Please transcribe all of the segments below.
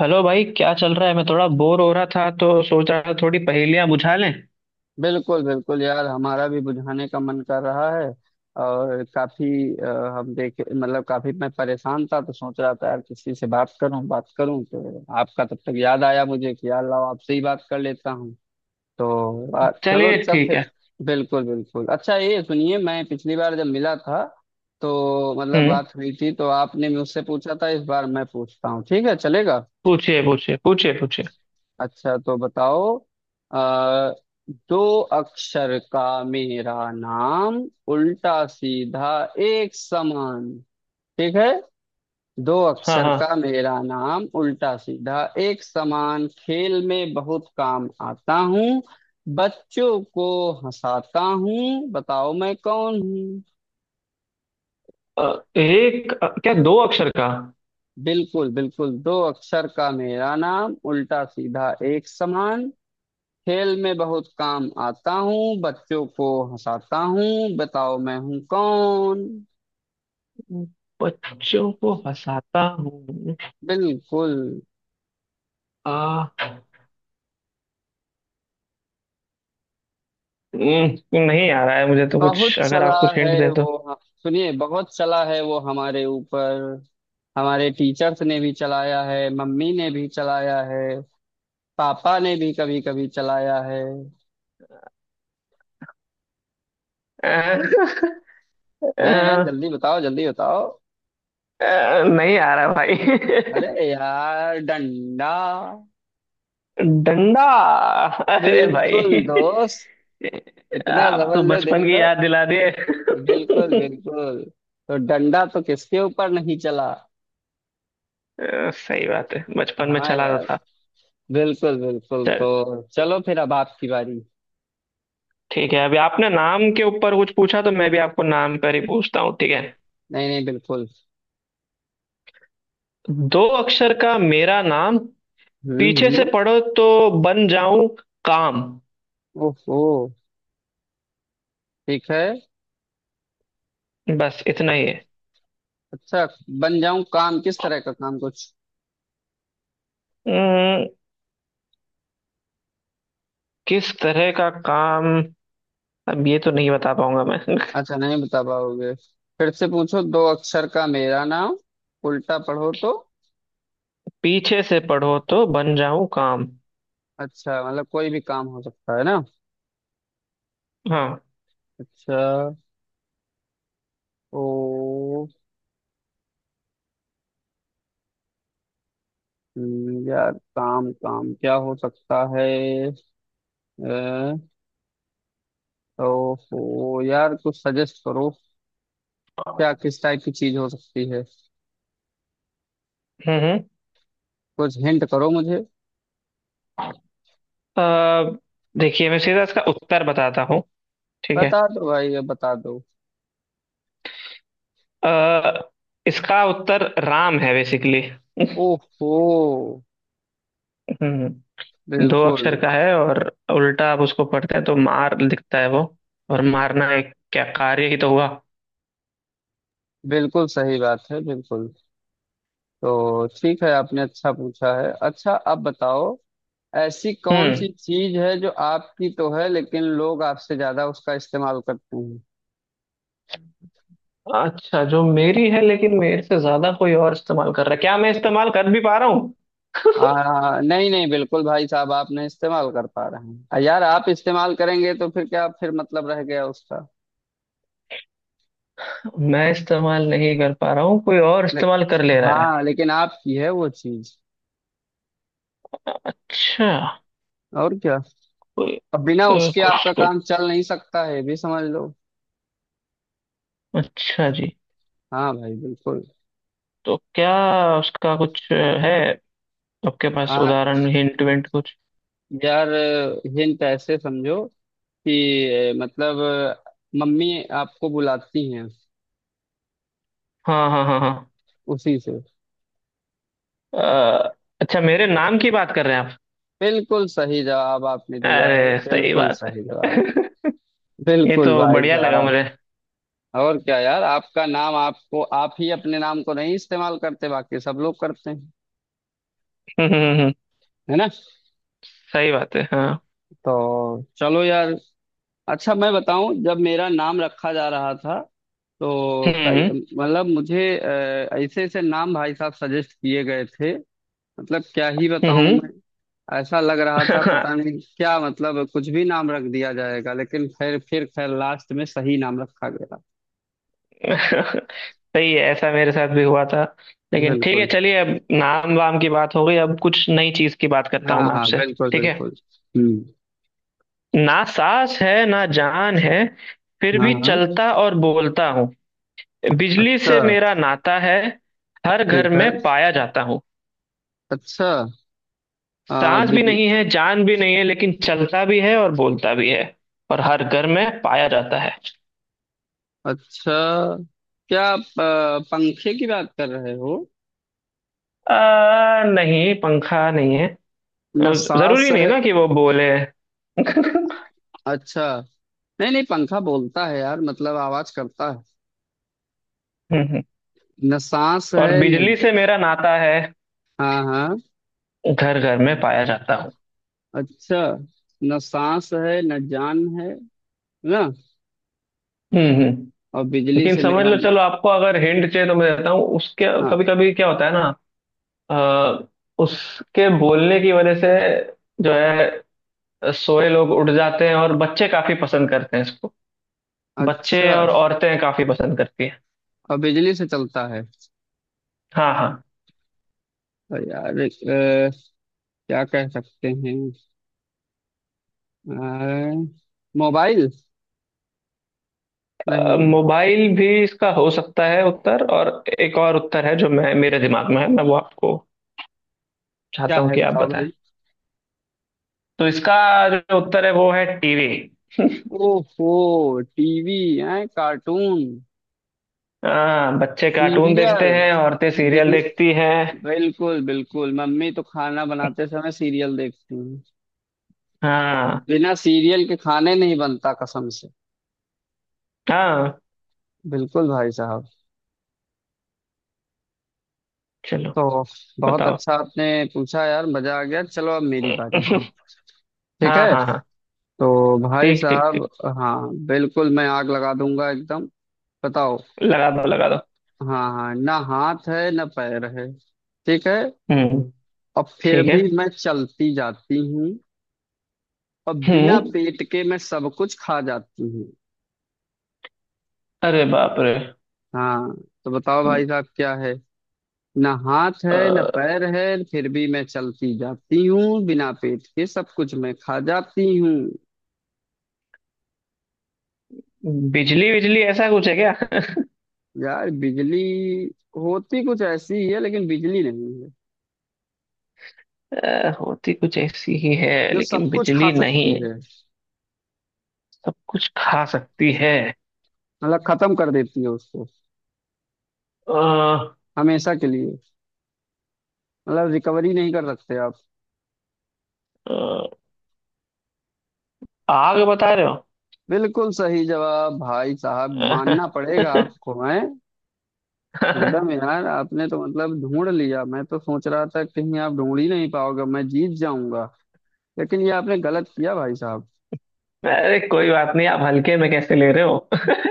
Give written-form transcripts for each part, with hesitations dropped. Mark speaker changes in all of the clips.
Speaker 1: Hello भाई, क्या चल रहा है? मैं थोड़ा बोर हो रहा था तो सोच रहा था थोड़ी पहेलियां बुझा लें।
Speaker 2: बिल्कुल बिल्कुल यार, हमारा भी बुझाने का मन कर रहा है। और काफी अ, हम देखे मतलब काफी मैं परेशान था, तो सोच रहा था यार किसी से बात करूं, बात करूं तो आपका तब तक याद आया मुझे कि यार लाओ आपसे ही बात कर लेता हूं। तो चलो
Speaker 1: चलिए,
Speaker 2: सब
Speaker 1: ठीक है।
Speaker 2: फिर। बिल्कुल बिल्कुल, अच्छा ये सुनिए, मैं पिछली बार जब मिला था तो मतलब
Speaker 1: हम्म।
Speaker 2: बात हुई थी, तो आपने मुझसे पूछा था, इस बार मैं पूछता हूँ, ठीक है चलेगा?
Speaker 1: पूछिए पूछिए पूछिए पूछिए।
Speaker 2: अच्छा तो बताओ, दो अक्षर का मेरा नाम, उल्टा सीधा एक समान, ठीक है। दो
Speaker 1: हाँ
Speaker 2: अक्षर
Speaker 1: हाँ।
Speaker 2: का मेरा नाम उल्टा सीधा एक समान, खेल में बहुत काम आता हूँ, बच्चों को हंसाता हूँ, बताओ मैं कौन हूँ?
Speaker 1: एक क्या दो अक्षर का?
Speaker 2: बिल्कुल बिल्कुल, दो अक्षर का मेरा नाम उल्टा सीधा एक समान, खेल में बहुत काम आता हूँ, बच्चों को हंसाता हूँ, बताओ मैं हूँ कौन?
Speaker 1: बच्चों को हंसाता हूँ?
Speaker 2: बिल्कुल।
Speaker 1: आ, नहीं आ रहा है मुझे तो
Speaker 2: बहुत
Speaker 1: कुछ। अगर
Speaker 2: चला
Speaker 1: आप कुछ हिंट
Speaker 2: है
Speaker 1: दे तो।
Speaker 2: वो, सुनिए बहुत चला है वो हमारे ऊपर, हमारे टीचर्स ने भी चलाया है, मम्मी ने भी चलाया है, पापा ने भी कभी कभी चलाया है।
Speaker 1: अ,
Speaker 2: हैं,
Speaker 1: अ,
Speaker 2: जल्दी बताओ जल्दी बताओ।
Speaker 1: नहीं आ रहा भाई।
Speaker 2: अरे यार, डंडा।
Speaker 1: डंडा। अरे भाई।
Speaker 2: बिल्कुल दोस्त, इतना
Speaker 1: आप तो
Speaker 2: जबरदस्त, लो देख
Speaker 1: बचपन की
Speaker 2: लो।
Speaker 1: याद दिला दिए।
Speaker 2: बिल्कुल बिल्कुल, तो डंडा तो किसके ऊपर नहीं चला।
Speaker 1: सही बात है, बचपन में
Speaker 2: हाँ
Speaker 1: चला रहा
Speaker 2: यार,
Speaker 1: था।
Speaker 2: बिल्कुल बिल्कुल,
Speaker 1: चल,
Speaker 2: तो चलो फिर, अब आपकी बारी।
Speaker 1: ठीक है। अभी आपने नाम के ऊपर कुछ पूछा तो मैं भी आपको नाम पर ही पूछता हूँ, ठीक है?
Speaker 2: नहीं नहीं बिल्कुल।
Speaker 1: दो अक्षर का मेरा नाम, पीछे से
Speaker 2: हम्म।
Speaker 1: पढ़ो तो बन जाऊं काम।
Speaker 2: ओहो, ठीक है।
Speaker 1: बस इतना ही है।
Speaker 2: अच्छा, बन जाऊं काम, किस तरह का काम कुछ?
Speaker 1: अम्म, किस तरह का काम? अब ये तो नहीं बता पाऊंगा मैं।
Speaker 2: अच्छा नहीं बता पाओगे। फिर से पूछो, दो अक्षर का मेरा नाम उल्टा पढ़ो तो।
Speaker 1: पीछे से पढ़ो तो बन जाऊं काम।
Speaker 2: अच्छा मतलब कोई भी काम हो सकता है ना।
Speaker 1: हाँ।
Speaker 2: अच्छा। ओ। यार काम काम क्या हो सकता है? अ, ओहो यार, कुछ सजेस्ट करो, क्या किस टाइप की चीज हो सकती है?
Speaker 1: हम्म हम्म।
Speaker 2: कुछ हिंट करो मुझे।
Speaker 1: अ, देखिए, मैं सीधा इसका उत्तर बताता हूँ। ठीक है।
Speaker 2: बता दो भाई, अब बता दो।
Speaker 1: अ, इसका उत्तर राम है बेसिकली।
Speaker 2: ओहो।
Speaker 1: हम्म। दो
Speaker 2: बिल्कुल।
Speaker 1: अक्षर का है, और उल्टा आप उसको पढ़ते हैं तो मार दिखता है वो। और मारना एक क्या कार्य ही तो हुआ।
Speaker 2: बिल्कुल सही बात है, बिल्कुल। तो ठीक है, आपने अच्छा पूछा है। अच्छा अब बताओ, ऐसी कौन
Speaker 1: हम्म।
Speaker 2: सी चीज है जो आपकी तो है, लेकिन लोग आपसे ज्यादा उसका इस्तेमाल करते हैं?
Speaker 1: अच्छा, जो मेरी है लेकिन मेरे से ज्यादा कोई और इस्तेमाल कर रहा है? क्या मैं इस्तेमाल कर भी पा रहा हूँ?
Speaker 2: नहीं नहीं, बिल्कुल भाई साहब, आप नहीं इस्तेमाल कर पा रहे हैं। यार आप इस्तेमाल करेंगे तो फिर क्या, फिर मतलब रह गया उसका?
Speaker 1: मैं इस्तेमाल नहीं कर पा रहा हूँ, कोई और
Speaker 2: ले,
Speaker 1: इस्तेमाल कर ले रहा है।
Speaker 2: हाँ, लेकिन आपकी है वो चीज।
Speaker 1: अच्छा।
Speaker 2: और क्या,
Speaker 1: कोई
Speaker 2: अब बिना उसके
Speaker 1: कुछ
Speaker 2: आपका
Speaker 1: कुछ।
Speaker 2: काम चल नहीं सकता है, ये भी समझ लो।
Speaker 1: अच्छा जी।
Speaker 2: हाँ भाई बिल्कुल।
Speaker 1: तो क्या उसका कुछ है? आपके पास
Speaker 2: हाँ,
Speaker 1: उदाहरण, हिंट विंट कुछ?
Speaker 2: यार हिंट ऐसे समझो कि मतलब मम्मी आपको बुलाती हैं
Speaker 1: हाँ हाँ हाँ हाँ।
Speaker 2: उसी से।
Speaker 1: अच्छा, मेरे नाम की बात कर रहे हैं आप?
Speaker 2: बिल्कुल सही जवाब आपने दिया है,
Speaker 1: अरे, सही
Speaker 2: बिल्कुल
Speaker 1: बात है।
Speaker 2: सही जवाब।
Speaker 1: ये
Speaker 2: बिल्कुल
Speaker 1: तो
Speaker 2: भाई
Speaker 1: बढ़िया लगा
Speaker 2: साहब।
Speaker 1: मुझे।
Speaker 2: और क्या यार, आपका नाम आपको, आप ही अपने नाम को नहीं इस्तेमाल करते, बाकी सब लोग करते हैं,
Speaker 1: हम्म।
Speaker 2: है ना?
Speaker 1: सही बात है, हाँ।
Speaker 2: तो चलो यार। अच्छा मैं बताऊं, जब मेरा नाम रखा जा रहा था तो कई
Speaker 1: हम्म
Speaker 2: मतलब मुझे ऐसे ऐसे नाम भाई साहब सजेस्ट किए गए थे, मतलब क्या ही बताऊं
Speaker 1: हम्म।
Speaker 2: मैं। ऐसा लग रहा था पता नहीं क्या, मतलब कुछ भी नाम रख दिया जाएगा, लेकिन फिर खैर लास्ट में सही नाम रखा गया।
Speaker 1: सही है, ऐसा मेरे साथ भी हुआ था। लेकिन ठीक है,
Speaker 2: बिल्कुल।
Speaker 1: चलिए, अब नाम वाम की बात हो गई। अब कुछ नई चीज की बात करता
Speaker 2: हाँ
Speaker 1: हूँ मैं
Speaker 2: हाँ
Speaker 1: आपसे।
Speaker 2: बिल्कुल
Speaker 1: ठीक है।
Speaker 2: बिल्कुल। हम्म।
Speaker 1: ना सांस है ना जान है, फिर
Speaker 2: हाँ
Speaker 1: भी
Speaker 2: हाँ।
Speaker 1: चलता और बोलता हूँ। बिजली
Speaker 2: अच्छा।
Speaker 1: से मेरा नाता है। हर घर
Speaker 2: ठीक है।
Speaker 1: में पाया जाता हूँ।
Speaker 2: अच्छा। आ,
Speaker 1: सांस भी नहीं
Speaker 2: बिज-
Speaker 1: है, जान भी नहीं है, लेकिन चलता भी है और बोलता भी है। और हर घर में पाया जाता है।
Speaker 2: अच्छा, क्या आप पंखे की बात कर रहे हो?
Speaker 1: नहीं, पंखा नहीं है।
Speaker 2: न सांस
Speaker 1: जरूरी नहीं
Speaker 2: है।
Speaker 1: ना कि वो बोले। हम्म
Speaker 2: अच्छा, नहीं नहीं, पंखा बोलता है यार, मतलब आवाज करता है।
Speaker 1: हम्म।
Speaker 2: न सांस
Speaker 1: और
Speaker 2: है न।
Speaker 1: बिजली से मेरा नाता है।
Speaker 2: हाँ हाँ।
Speaker 1: घर घर में पाया जाता हूँ।
Speaker 2: अच्छा। न सांस है न जान है, ना।
Speaker 1: हम्म हम्म।
Speaker 2: और बिजली
Speaker 1: लेकिन
Speaker 2: से
Speaker 1: समझ
Speaker 2: मेरा
Speaker 1: लो,
Speaker 2: ना।
Speaker 1: चलो, आपको अगर हिंट चाहिए तो मैं देता हूँ उसके।
Speaker 2: हाँ।
Speaker 1: कभी कभी क्या होता है ना? अ, उसके बोलने की वजह से, जो है, सोए लोग उठ जाते हैं, और बच्चे काफी पसंद करते हैं इसको। बच्चे
Speaker 2: अच्छा।
Speaker 1: और औरतें काफी पसंद करती हैं।
Speaker 2: और बिजली से चलता है,
Speaker 1: हाँ हाँ।
Speaker 2: तो यार क्या कह सकते हैं? अ, मोबाइल? नहीं।
Speaker 1: मोबाइल भी इसका हो सकता है उत्तर, और एक और उत्तर है जो मैं मेरे दिमाग में है, मैं वो आपको
Speaker 2: क्या
Speaker 1: चाहता हूँ
Speaker 2: है
Speaker 1: कि आप
Speaker 2: बताओ
Speaker 1: बताएं।
Speaker 2: भाई?
Speaker 1: तो इसका जो उत्तर है वो है टीवी।
Speaker 2: ओहो टीवी। है कार्टून।
Speaker 1: हाँ, बच्चे कार्टून देखते
Speaker 2: सीरियल,
Speaker 1: हैं, औरतें सीरियल
Speaker 2: डेली।
Speaker 1: देखती हैं।
Speaker 2: बिल्कुल बिल्कुल, मम्मी तो खाना बनाते समय सीरियल देखती हैं,
Speaker 1: हाँ।
Speaker 2: बिना सीरियल के खाने नहीं बनता कसम से।
Speaker 1: हाँ।
Speaker 2: बिल्कुल भाई साहब।
Speaker 1: चलो।
Speaker 2: तो बहुत
Speaker 1: बताओ।
Speaker 2: अच्छा आपने पूछा यार, मजा आ गया। चलो अब मेरी बारी है। ठीक
Speaker 1: हाँ
Speaker 2: है,
Speaker 1: हाँ हाँ।
Speaker 2: तो भाई
Speaker 1: ठीक ठीक ठीक।
Speaker 2: साहब, हाँ बिल्कुल, मैं आग लगा दूंगा एकदम। बताओ,
Speaker 1: लगा दो, लगा दो।
Speaker 2: हाँ हाँ, ना हाथ है ना पैर है, ठीक है,
Speaker 1: हम्म।
Speaker 2: और फिर
Speaker 1: ठीक है।
Speaker 2: भी मैं चलती जाती हूँ, और बिना
Speaker 1: हम्म।
Speaker 2: पेट के मैं सब कुछ खा जाती हूँ।
Speaker 1: अरे बाप रे!
Speaker 2: हाँ। तो बताओ भाई साहब क्या है, ना हाथ है ना
Speaker 1: अ,
Speaker 2: पैर है, फिर भी मैं चलती जाती हूँ, बिना पेट के सब कुछ मैं खा जाती हूँ।
Speaker 1: बिजली बिजली ऐसा कुछ है क्या?
Speaker 2: यार बिजली होती कुछ ऐसी ही है, लेकिन बिजली नहीं है।
Speaker 1: होती कुछ ऐसी ही है
Speaker 2: जो
Speaker 1: लेकिन
Speaker 2: सब कुछ खा
Speaker 1: बिजली
Speaker 2: सकती
Speaker 1: नहीं।
Speaker 2: है,
Speaker 1: सब कुछ खा सकती है।
Speaker 2: मतलब खत्म कर देती है उसको,
Speaker 1: अ,
Speaker 2: हमेशा के लिए, मतलब रिकवरी नहीं कर सकते आप।
Speaker 1: अ, आग बता रहे हो?
Speaker 2: बिल्कुल सही जवाब भाई साहब, मानना पड़ेगा आपको है एकदम। यार आपने तो मतलब ढूंढ लिया, मैं तो सोच रहा था कहीं आप ढूंढ ही नहीं पाओगे, मैं जीत जाऊंगा, लेकिन ये आपने गलत किया भाई साहब।
Speaker 1: अरे, कोई बात नहीं। आप हल्के में कैसे ले रहे हो?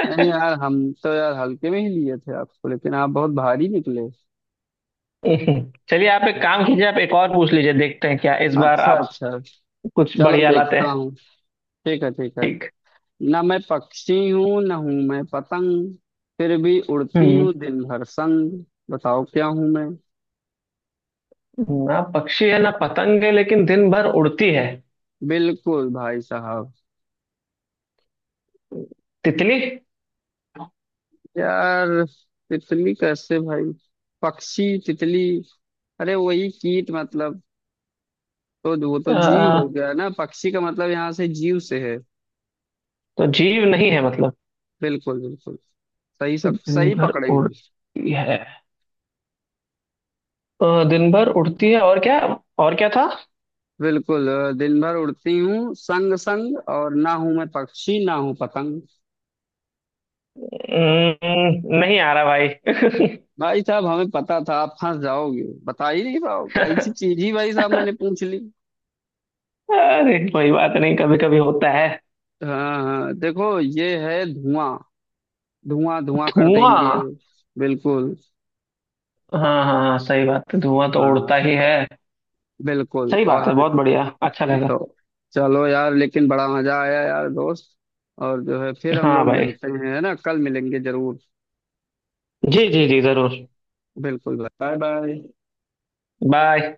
Speaker 2: नहीं यार हम तो यार हल्के में ही लिए थे आपको, लेकिन आप बहुत भारी निकले।
Speaker 1: चलिए, आप एक काम कीजिए, आप एक और पूछ लीजिए। देखते हैं क्या इस बार
Speaker 2: अच्छा
Speaker 1: आप
Speaker 2: अच्छा।
Speaker 1: कुछ
Speaker 2: चलो
Speaker 1: बढ़िया लाते
Speaker 2: देखता
Speaker 1: हैं।
Speaker 2: हूँ। ठीक है ठीक है।
Speaker 1: ठीक।
Speaker 2: ना मैं पक्षी हूँ ना हूँ मैं पतंग, फिर भी उड़ती
Speaker 1: हम्म।
Speaker 2: हूँ दिन भर संग, बताओ क्या हूँ मैं?
Speaker 1: ना पक्षी है ना पतंग है, लेकिन दिन भर उड़ती है।
Speaker 2: बिल्कुल भाई साहब।
Speaker 1: तितली।
Speaker 2: यार तितली कैसे भाई? पक्षी तितली? अरे वही कीट मतलब, तो वो तो
Speaker 1: अ,
Speaker 2: जीव हो गया ना, पक्षी का मतलब यहाँ से जीव से है।
Speaker 1: तो जीव नहीं है मतलब?
Speaker 2: बिल्कुल बिल्कुल। सही
Speaker 1: दिन
Speaker 2: सही
Speaker 1: भर
Speaker 2: पकड़े हैं।
Speaker 1: उड़ती है। दिन भर उड़ती है, और क्या? और क्या था?
Speaker 2: बिल्कुल, दिन भर उड़ती हूँ संग संग, और ना हूँ मैं पक्षी ना हूँ पतंग।
Speaker 1: नहीं आ रहा भाई।
Speaker 2: भाई साहब हमें पता था आप फंस जाओगे, बता ही नहीं पाओगे, ऐसी चीज ही भाई साहब मैंने पूछ ली।
Speaker 1: अरे, कोई बात नहीं, कभी कभी होता है।
Speaker 2: हाँ हाँ, देखो ये है धुआं, धुआं धुआं कर देंगे।
Speaker 1: धुआं।
Speaker 2: बिल्कुल।
Speaker 1: हाँ हाँ हाँ, सही बात है, धुआं तो उड़ता
Speaker 2: हाँ
Speaker 1: ही है।
Speaker 2: बिल्कुल,
Speaker 1: सही
Speaker 2: और
Speaker 1: बात है,
Speaker 2: हमें
Speaker 1: बहुत बढ़िया, अच्छा लगा।
Speaker 2: तो चलो यार, लेकिन बड़ा मजा आया यार दोस्त, और जो है, फिर हम
Speaker 1: हाँ
Speaker 2: लोग
Speaker 1: भाई।
Speaker 2: मिलते हैं, है ना, कल मिलेंगे जरूर।
Speaker 1: जी जी जी, जरूर।
Speaker 2: बिल्कुल, बाय बाय।
Speaker 1: बाय।